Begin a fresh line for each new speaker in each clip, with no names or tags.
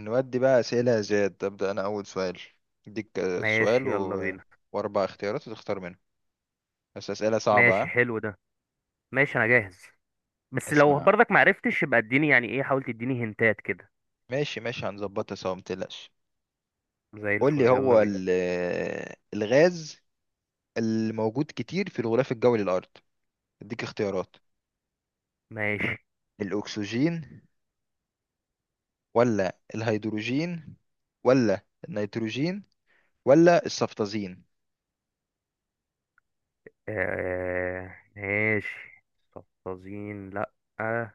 نودي بقى أسئلة يا زياد، أبدأ أنا أول سؤال. أديك سؤال
ماشي، يلا بينا.
وأربع اختيارات وتختار منهم. بس أسئلة صعبة
ماشي،
ها.
حلو ده. ماشي، انا جاهز. بس لو
اسمع،
برضك معرفتش يبقى اديني يعني ايه، حاول تديني هنتات كده.
ماشي هنظبطها سوا، متقلقش.
زي
قول لي،
الفل، يلا
هو
بينا.
ال... آه، الغاز الموجود كتير في الغلاف الجوي للأرض. أديك اختيارات:
ماشي،
الأكسجين، ولا الهيدروجين، ولا النيتروجين، ولا الصفتازين؟
ماشي. صفازين، لا. آه.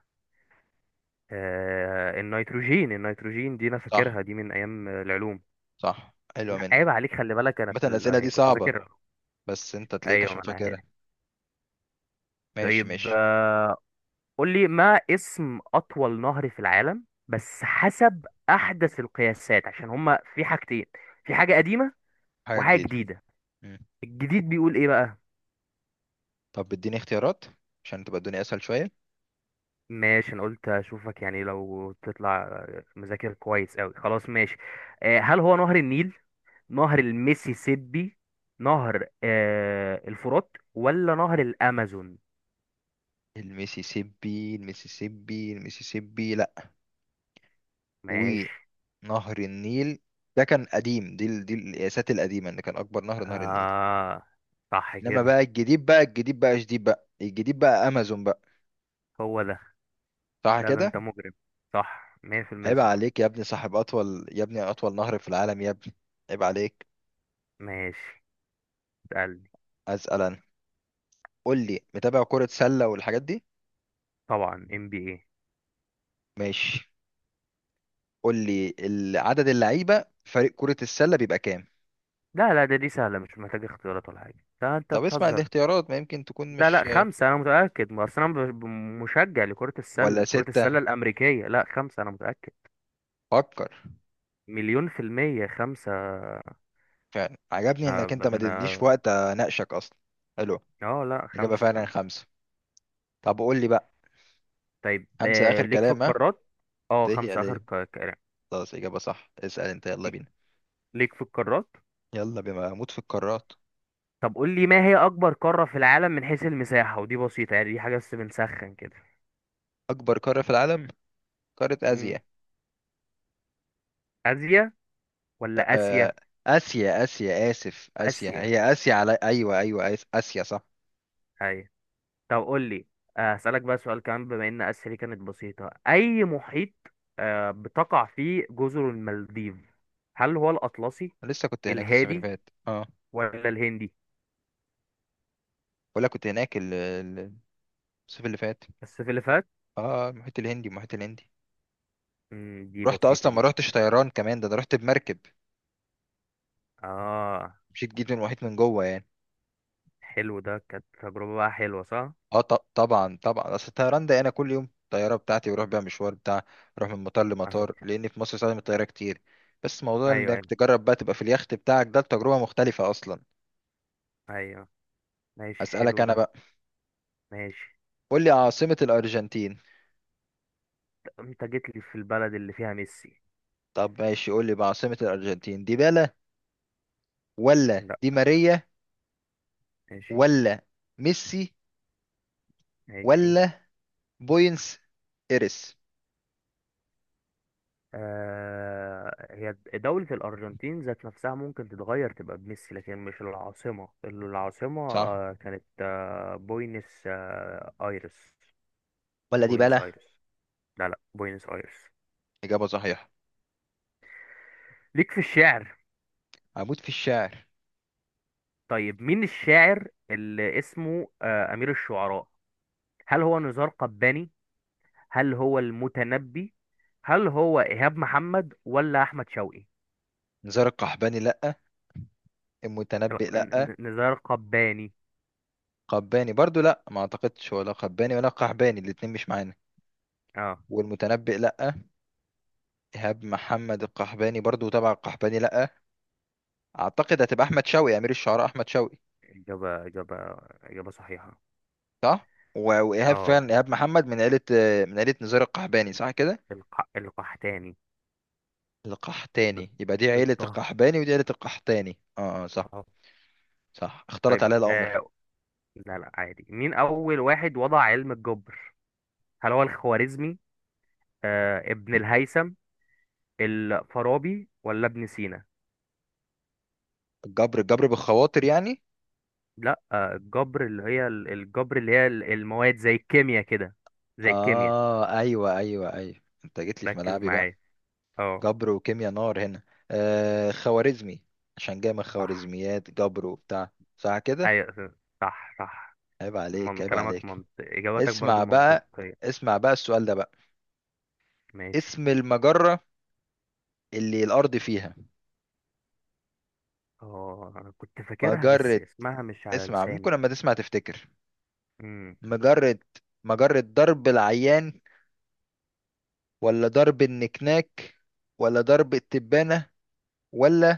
النيتروجين دي انا
صح
فاكرها دي من ايام العلوم.
صح، حلوة
لا، عيب
منك.
عليك، خلي بالك انا
مثلا الأسئلة دي
كنت
صعبة،
اذاكر.
بس أنت تلاقيك
ايوه،
عشان
ما انا عارف.
فاكرها. ماشي
طيب،
ماشي.
قول لي ما اسم أطول نهر في العالم، بس حسب أحدث القياسات عشان هما في حاجتين. في حاجة قديمة
حاجة
وحاجة
جديدة.
جديدة. الجديد بيقول إيه بقى؟
طب اديني اختيارات عشان تبقى الدنيا اسهل شويه.
ماشي، أنا قلت أشوفك يعني لو تطلع مذاكر كويس أوي، خلاص، ماشي. هل هو نهر النيل، نهر الميسيسيبي، نهر الفرات، ولا نهر الأمازون؟
الميسيسيبي لا.
ماشي.
ونهر النيل ده كان قديم، دي القياسات القديمه، ان كان اكبر نهر نهر النيل.
آه، صح
انما
كده.
بقى الجديد، بقى الجديد بقى شديد، بقى الجديد بقى امازون بقى.
هو ده.
صح
لا، ده
كده.
أنت مجرم. صح، 100%
عيب
صح.
عليك يا ابني، صاحب اطول يا ابني، اطول نهر في العالم يا ابني، عيب عليك.
ماشي. قال لي.
اسال انا. قول لي، متابع كره سله والحاجات دي؟
طبعا، ام بي اي.
ماشي، قول لي عدد اللعيبه في فريق كره السله بيبقى كام؟
لا، لا، ده دي سهله، مش محتاجه اختيارات ولا حاجه، لا انت
طب اسمع
بتهزر.
الاختيارات ما يمكن تكون
لا، لا،
مش.
خمسه انا متاكد، ما اصل انا مشجع لكره
ولا
السله كره
ستة؟
السله الامريكيه، لا خمسه انا متاكد.
فكر.
مليون في الميه، خمسه.
فعلا عجبني انك انت ما
ده
ادتنيش
انا.
وقت اناقشك اصلا. حلو.
اه، لا،
اجابة
خمسه،
فعلا
خمسه.
خمسة. طب قول لي بقى،
طيب،
خمسة اخر
ليك في
كلام ها؟
القارات. اه،
ده هي
خمسه، اخر
ليه.
كلام.
خلاص اجابة صح، اسأل انت، يلا
ليك
بينا.
ليك في القارات.
يلا، بما اموت في القارات.
طب قول لي ما هي اكبر قاره في العالم من حيث المساحه؟ ودي بسيطه يعني، دي حاجه بس بنسخن كده.
اكبر قارة في العالم، قارة
امم
اسيا.
اسيا ولا اسيا؟
آه، اسيا، اسف، اسيا
اسيا،
هي اسيا على، ايوه ايوه، اسيا، صح.
ايوه. طب قول لي، هسألك بقى سؤال كمان. بما ان اسيا دي كانت بسيطة، اي محيط بتقع فيه جزر المالديف؟ هل هو الاطلسي،
لسه كنت هناك الصيف اللي
الهادي،
فات، اه.
ولا الهندي؟
ولا كنت هناك الصيف اللي فات.
السلفات.
اه، المحيط الهندي.
دي
رحت
بسيطة
اصلا، ما
دي كده.
رحتش طيران كمان، ده انا رحت بمركب.
اه،
مشيت، جيت من المحيط من جوه يعني.
حلو ده، كانت تجربة بقى حلوة، صح؟
اه، طبعا طبعا، اصل الطيران ده انا كل يوم الطياره بتاعتي بروح بيها مشوار بتاع. بروح من مطار لمطار،
فاهمك.
لان في مصر استخدم الطياره كتير. بس موضوع
ايوه، ايوه،
انك تجرب بقى تبقى في اليخت بتاعك، ده تجربه مختلفه اصلا.
ايوه. ماشي،
اسالك
حلو
انا
ده.
بقى.
ماشي.
قول لي عاصمه الارجنتين.
انت جيت لي في البلد اللي فيها ميسي.
طب ماشي، قول لي بقى، عاصمه الارجنتين ديبالا، ولا
لا.
دي ماريا،
ماشي،
ولا ميسي،
ماشي.
ولا بوينس ايرس؟
هي دولة الأرجنتين ذات نفسها ممكن تتغير تبقى بميسي، لكن مش العاصمة. العاصمة
صح،
كانت بوينس آيرس.
ولا
بوينس
ديبالا؟
آيرس. لا، لا، بوينس آيرس.
اجابه صحيحه.
ليك في الشعر.
هموت في الشعر.
طيب، مين الشاعر اللي اسمه أمير الشعراء؟ هل هو نزار قباني، هل هو المتنبي، هل هو إيهاب محمد، ولا أحمد شوقي؟
نزار القحباني لأ،
لا،
المتنبئ لأ،
نزار قباني.
قباني برضو لأ، ما أعتقدش، ولا قباني ولا قحباني الاتنين مش معانا،
اه،
والمتنبئ لأ، إيهاب محمد القحباني برضو تبع القحباني لأ. أعتقد هتبقى أحمد شوقي، أمير الشعراء أحمد شوقي.
إجابة. إجابة صحيحة.
صح. وإيهاب
اه،
فعلا، إيهاب محمد من عيلة، من عيلة نزار القحباني، صح كده.
القحتاني. بال-
القحتاني، يبقى دي عيلة
بالطه.
القحباني ودي عيلة القحتاني. اه، صح.
اه.
صح، اختلط
طيب،
عليا الأمر.
لا، لا، عادي، مين أول واحد وضع علم الجبر؟ هل هو الخوارزمي، ابن الهيثم، الفارابي، ولا ابن سينا؟
الجبر، الجبر بالخواطر يعني؟
لا، الجبر اللي هي المواد زي الكيمياء كده. زي الكيمياء.
اه، ايوه. انت جيت لي في
ركز
ملعبي بقى،
معايا. اه،
جبر وكيمياء، نار هنا. آه، خوارزمي، عشان جاي من
صح.
خوارزميات، جبر وبتاع، صح كده.
ايوه، صح، صح.
عيب عليك،
من
عيب
كلامك
عليك.
منطق، إجاباتك برضو
اسمع بقى،
منطقية.
اسمع بقى السؤال ده بقى.
ماشي.
اسم المجرة اللي الأرض فيها.
اه، انا كنت فاكرها بس
مجرة،
اسمها مش على
اسمع، ممكن
لساني.
لما تسمع تفتكر. مجرة، مجرة درب العيان، ولا درب النكناك، ولا درب التبانة، ولا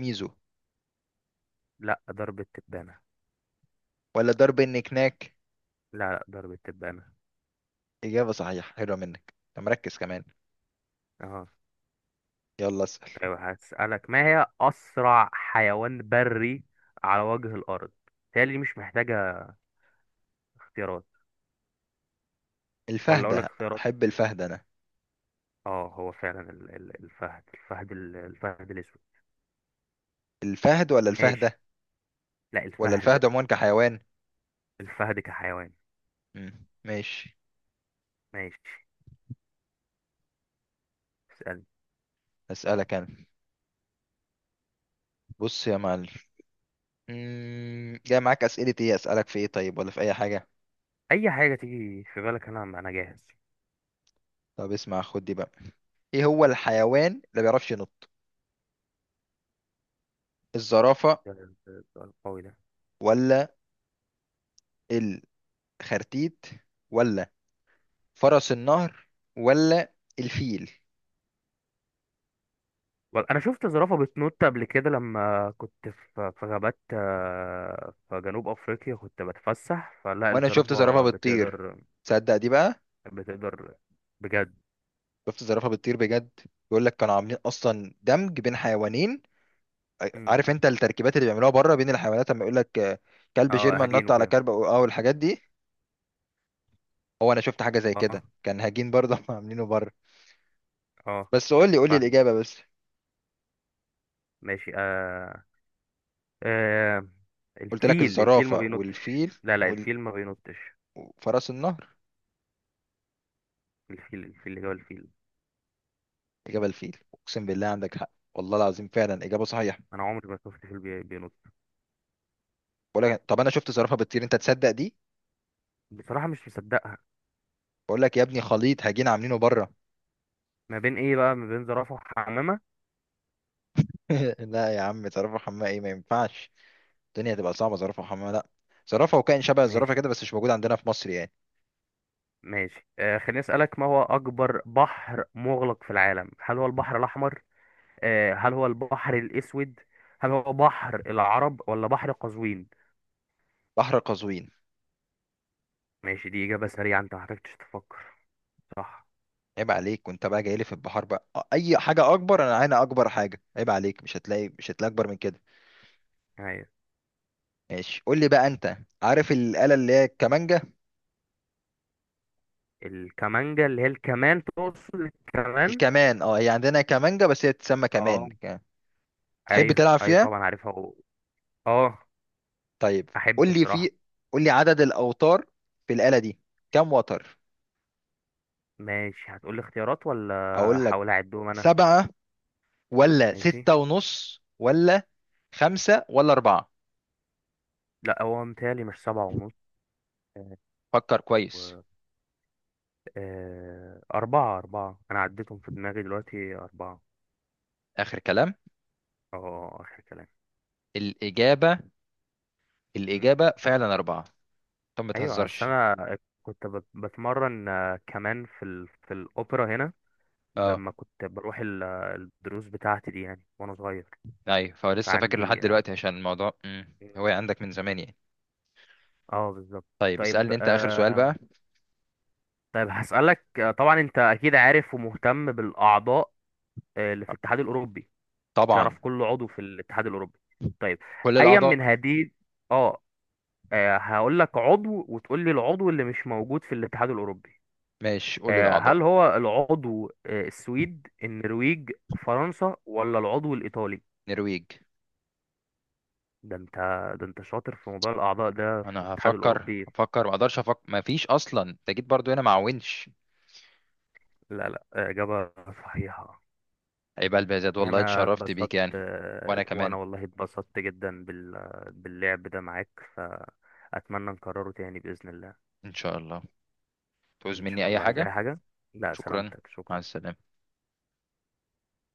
ميزو،
لا، ضرب التبانة.
ولا درب النكناك؟
لا، لا، ضرب التبانة.
إجابة صحيحة، حلوة منك، أنت مركز كمان.
اه.
يلا اسأل.
طيب، هسألك ما هي أسرع حيوان بري على وجه الأرض؟ تالي مش محتاجة اختيارات، ولا أقول لك
الفهدة،
اختيارات؟
أحب الفهد أنا.
اه، هو فعلا الفهد، الفهد الأسود.
الفهد ولا
ماشي.
الفهدة،
لا،
ولا
الفهد.
الفهد عموما كحيوان؟
الفهد كحيوان.
مم. ماشي.
ماشي. اسألني.
أسألك أنا. بص يا معلم، مم، جاي معاك أسئلة إيه، أسألك في إيه؟ طيب ولا في أي حاجة؟
أي حاجة تيجي في بالك، أنا جاهز.
طب اسمع، خد دي بقى. إيه هو الحيوان اللي ما بيعرفش ينط؟ الزرافة،
ده السؤال القوي ده!
ولا الخرتيت، ولا فرس النهر، ولا الفيل؟
انا شفت زرافه بتنط قبل كده، لما كنت في غابات في جنوب افريقيا كنت بتفسح، فلا
وأنا شفت زرافة
الزرافه
بتطير،
بتقدر.
تصدق دي بقى؟
بتقدر، بجد.
شفت زرافة بتطير بجد. بيقول لك كانوا عاملين أصلا دمج بين حيوانين.
مم.
عارف انت التركيبات اللي بيعملوها بره بين الحيوانات، لما يقول لك كلب
اه،
جيرمان
هجين
نط على
وكده.
كلب، أو الحاجات دي. هو انا شفت حاجه زي
اه.
كده، كان هجين برضه هم عاملينه بره.
اه.
بس قول لي
فاهم.
الاجابه بس.
ماشي. آه.
قلت لك
الفيل ما
الزرافه
بينطش،
والفيل
لا، لا،
وال-
الفيل ما بينطش.
وفرس النهر.
الفيل الفيل اللي هو الفيل.
اجابه الفيل، اقسم بالله عندك حق، والله العظيم فعلا اجابه صحيحه.
انا عمري ما شفت فيل بينط.
بقول لك، طب انا شفت زرافه بتطير، انت تصدق دي؟
بصراحه مش مصدقها.
بقول لك يا ابني، خليط هجين عاملينه بره.
ما بين ايه بقى؟ ما بين زرافه وحمامه.
لا يا عم، زرافه حمامه ايه، ما ينفعش. الدنيا هتبقى صعبه، زرافه حمامه، لا. زرافه وكائن شبه الزرافه
ماشي،
كده، بس مش موجود عندنا في مصر يعني.
ماشي، خليني أسألك ما هو أكبر بحر مغلق في العالم؟ هل هو البحر الأحمر، هل هو البحر الأسود، هل هو بحر العرب، ولا بحر قزوين؟
بحر قزوين.
ماشي، دي إجابة سريعة أنت محتاجتش تفكر. صح.
عيب عليك، وانت بقى جاي لي في البحار بقى، اي حاجه اكبر انا، انا اكبر حاجه، عيب عليك، مش هتلاقي اكبر من كده.
أيوة.
ماشي، قول لي بقى، انت عارف الاله اللي هي الكمانجه؟
الكمانجا اللي هي الكمان، تقصد الكمان.
الكمان، اه، هي عندنا كمانجه بس هي تسمى كمان
اه،
تحب
أيوة،
تلعب
أيوة
فيها؟
طبعا عارفها، اه،
طيب،
أحب
قول لي،
بصراحة.
قول لي عدد الاوتار في الاله دي، كم وتر؟
ماشي، هتقولي اختيارات ولا؟
اقول لك،
هحاول أعدهم أنا.
سبعة، ولا
ماشي.
ستة ونص، ولا خمسة، ولا أربعة؟
لا، هو متهيألي مش سبعة
فكر كويس.
ونص. أربعة، أربعة، أنا عديتهم في دماغي دلوقتي، أربعة.
آخر كلام.
أه، آخر كلام.
الإجابة،
مم.
الإجابة فعلا أربعة. طب ما
أيوة، أصل
تهزرش.
أنا كنت بتمرن كمان في الأوبرا هنا،
آه.
لما كنت بروح الدروس بتاعتي دي يعني وأنا صغير.
ايوه، فهو لسه فاكر لحد
فعندي، اه.
دلوقتي عشان الموضوع، مم، هو
مم.
عندك من زمان يعني.
بالظبط.
طيب
طيب،
اسألني انت اخر سؤال بقى.
طيب هسألك، طبعا أنت أكيد عارف ومهتم بالأعضاء اللي في الاتحاد الأوروبي.
طبعا.
تعرف كل عضو في الاتحاد الأوروبي؟ طيب،
كل
أيا من
الاعضاء.
هذه. اه، هقول لك عضو وتقول لي العضو اللي مش موجود في الاتحاد الأوروبي.
ماشي، قول
هل
الاعضاء.
هو العضو السويد، النرويج، فرنسا، ولا العضو الإيطالي؟
نرويج.
ده انت، ده انت شاطر في موضوع الأعضاء ده في
انا
الاتحاد
هفكر
الأوروبي.
هفكر، ما اقدرش افكر، ما فيش اصلا، انت جيت برضو هنا مع ونش.
لا، لا، إجابة صحيحة.
عيب قلبي يا زياد، والله
أنا
اتشرفت
اتبسطت،
بيك يعني. وانا
وأنا
كمان.
والله اتبسطت جدا باللعب ده معاك، فأتمنى نكرره تاني بإذن الله.
ان شاء الله. تعوز
إن
مني
شاء
اي
الله، عايز
حاجة؟
أي حاجة؟ لا
شكرا.
سلامتك،
مع
شكرا.
السلامة.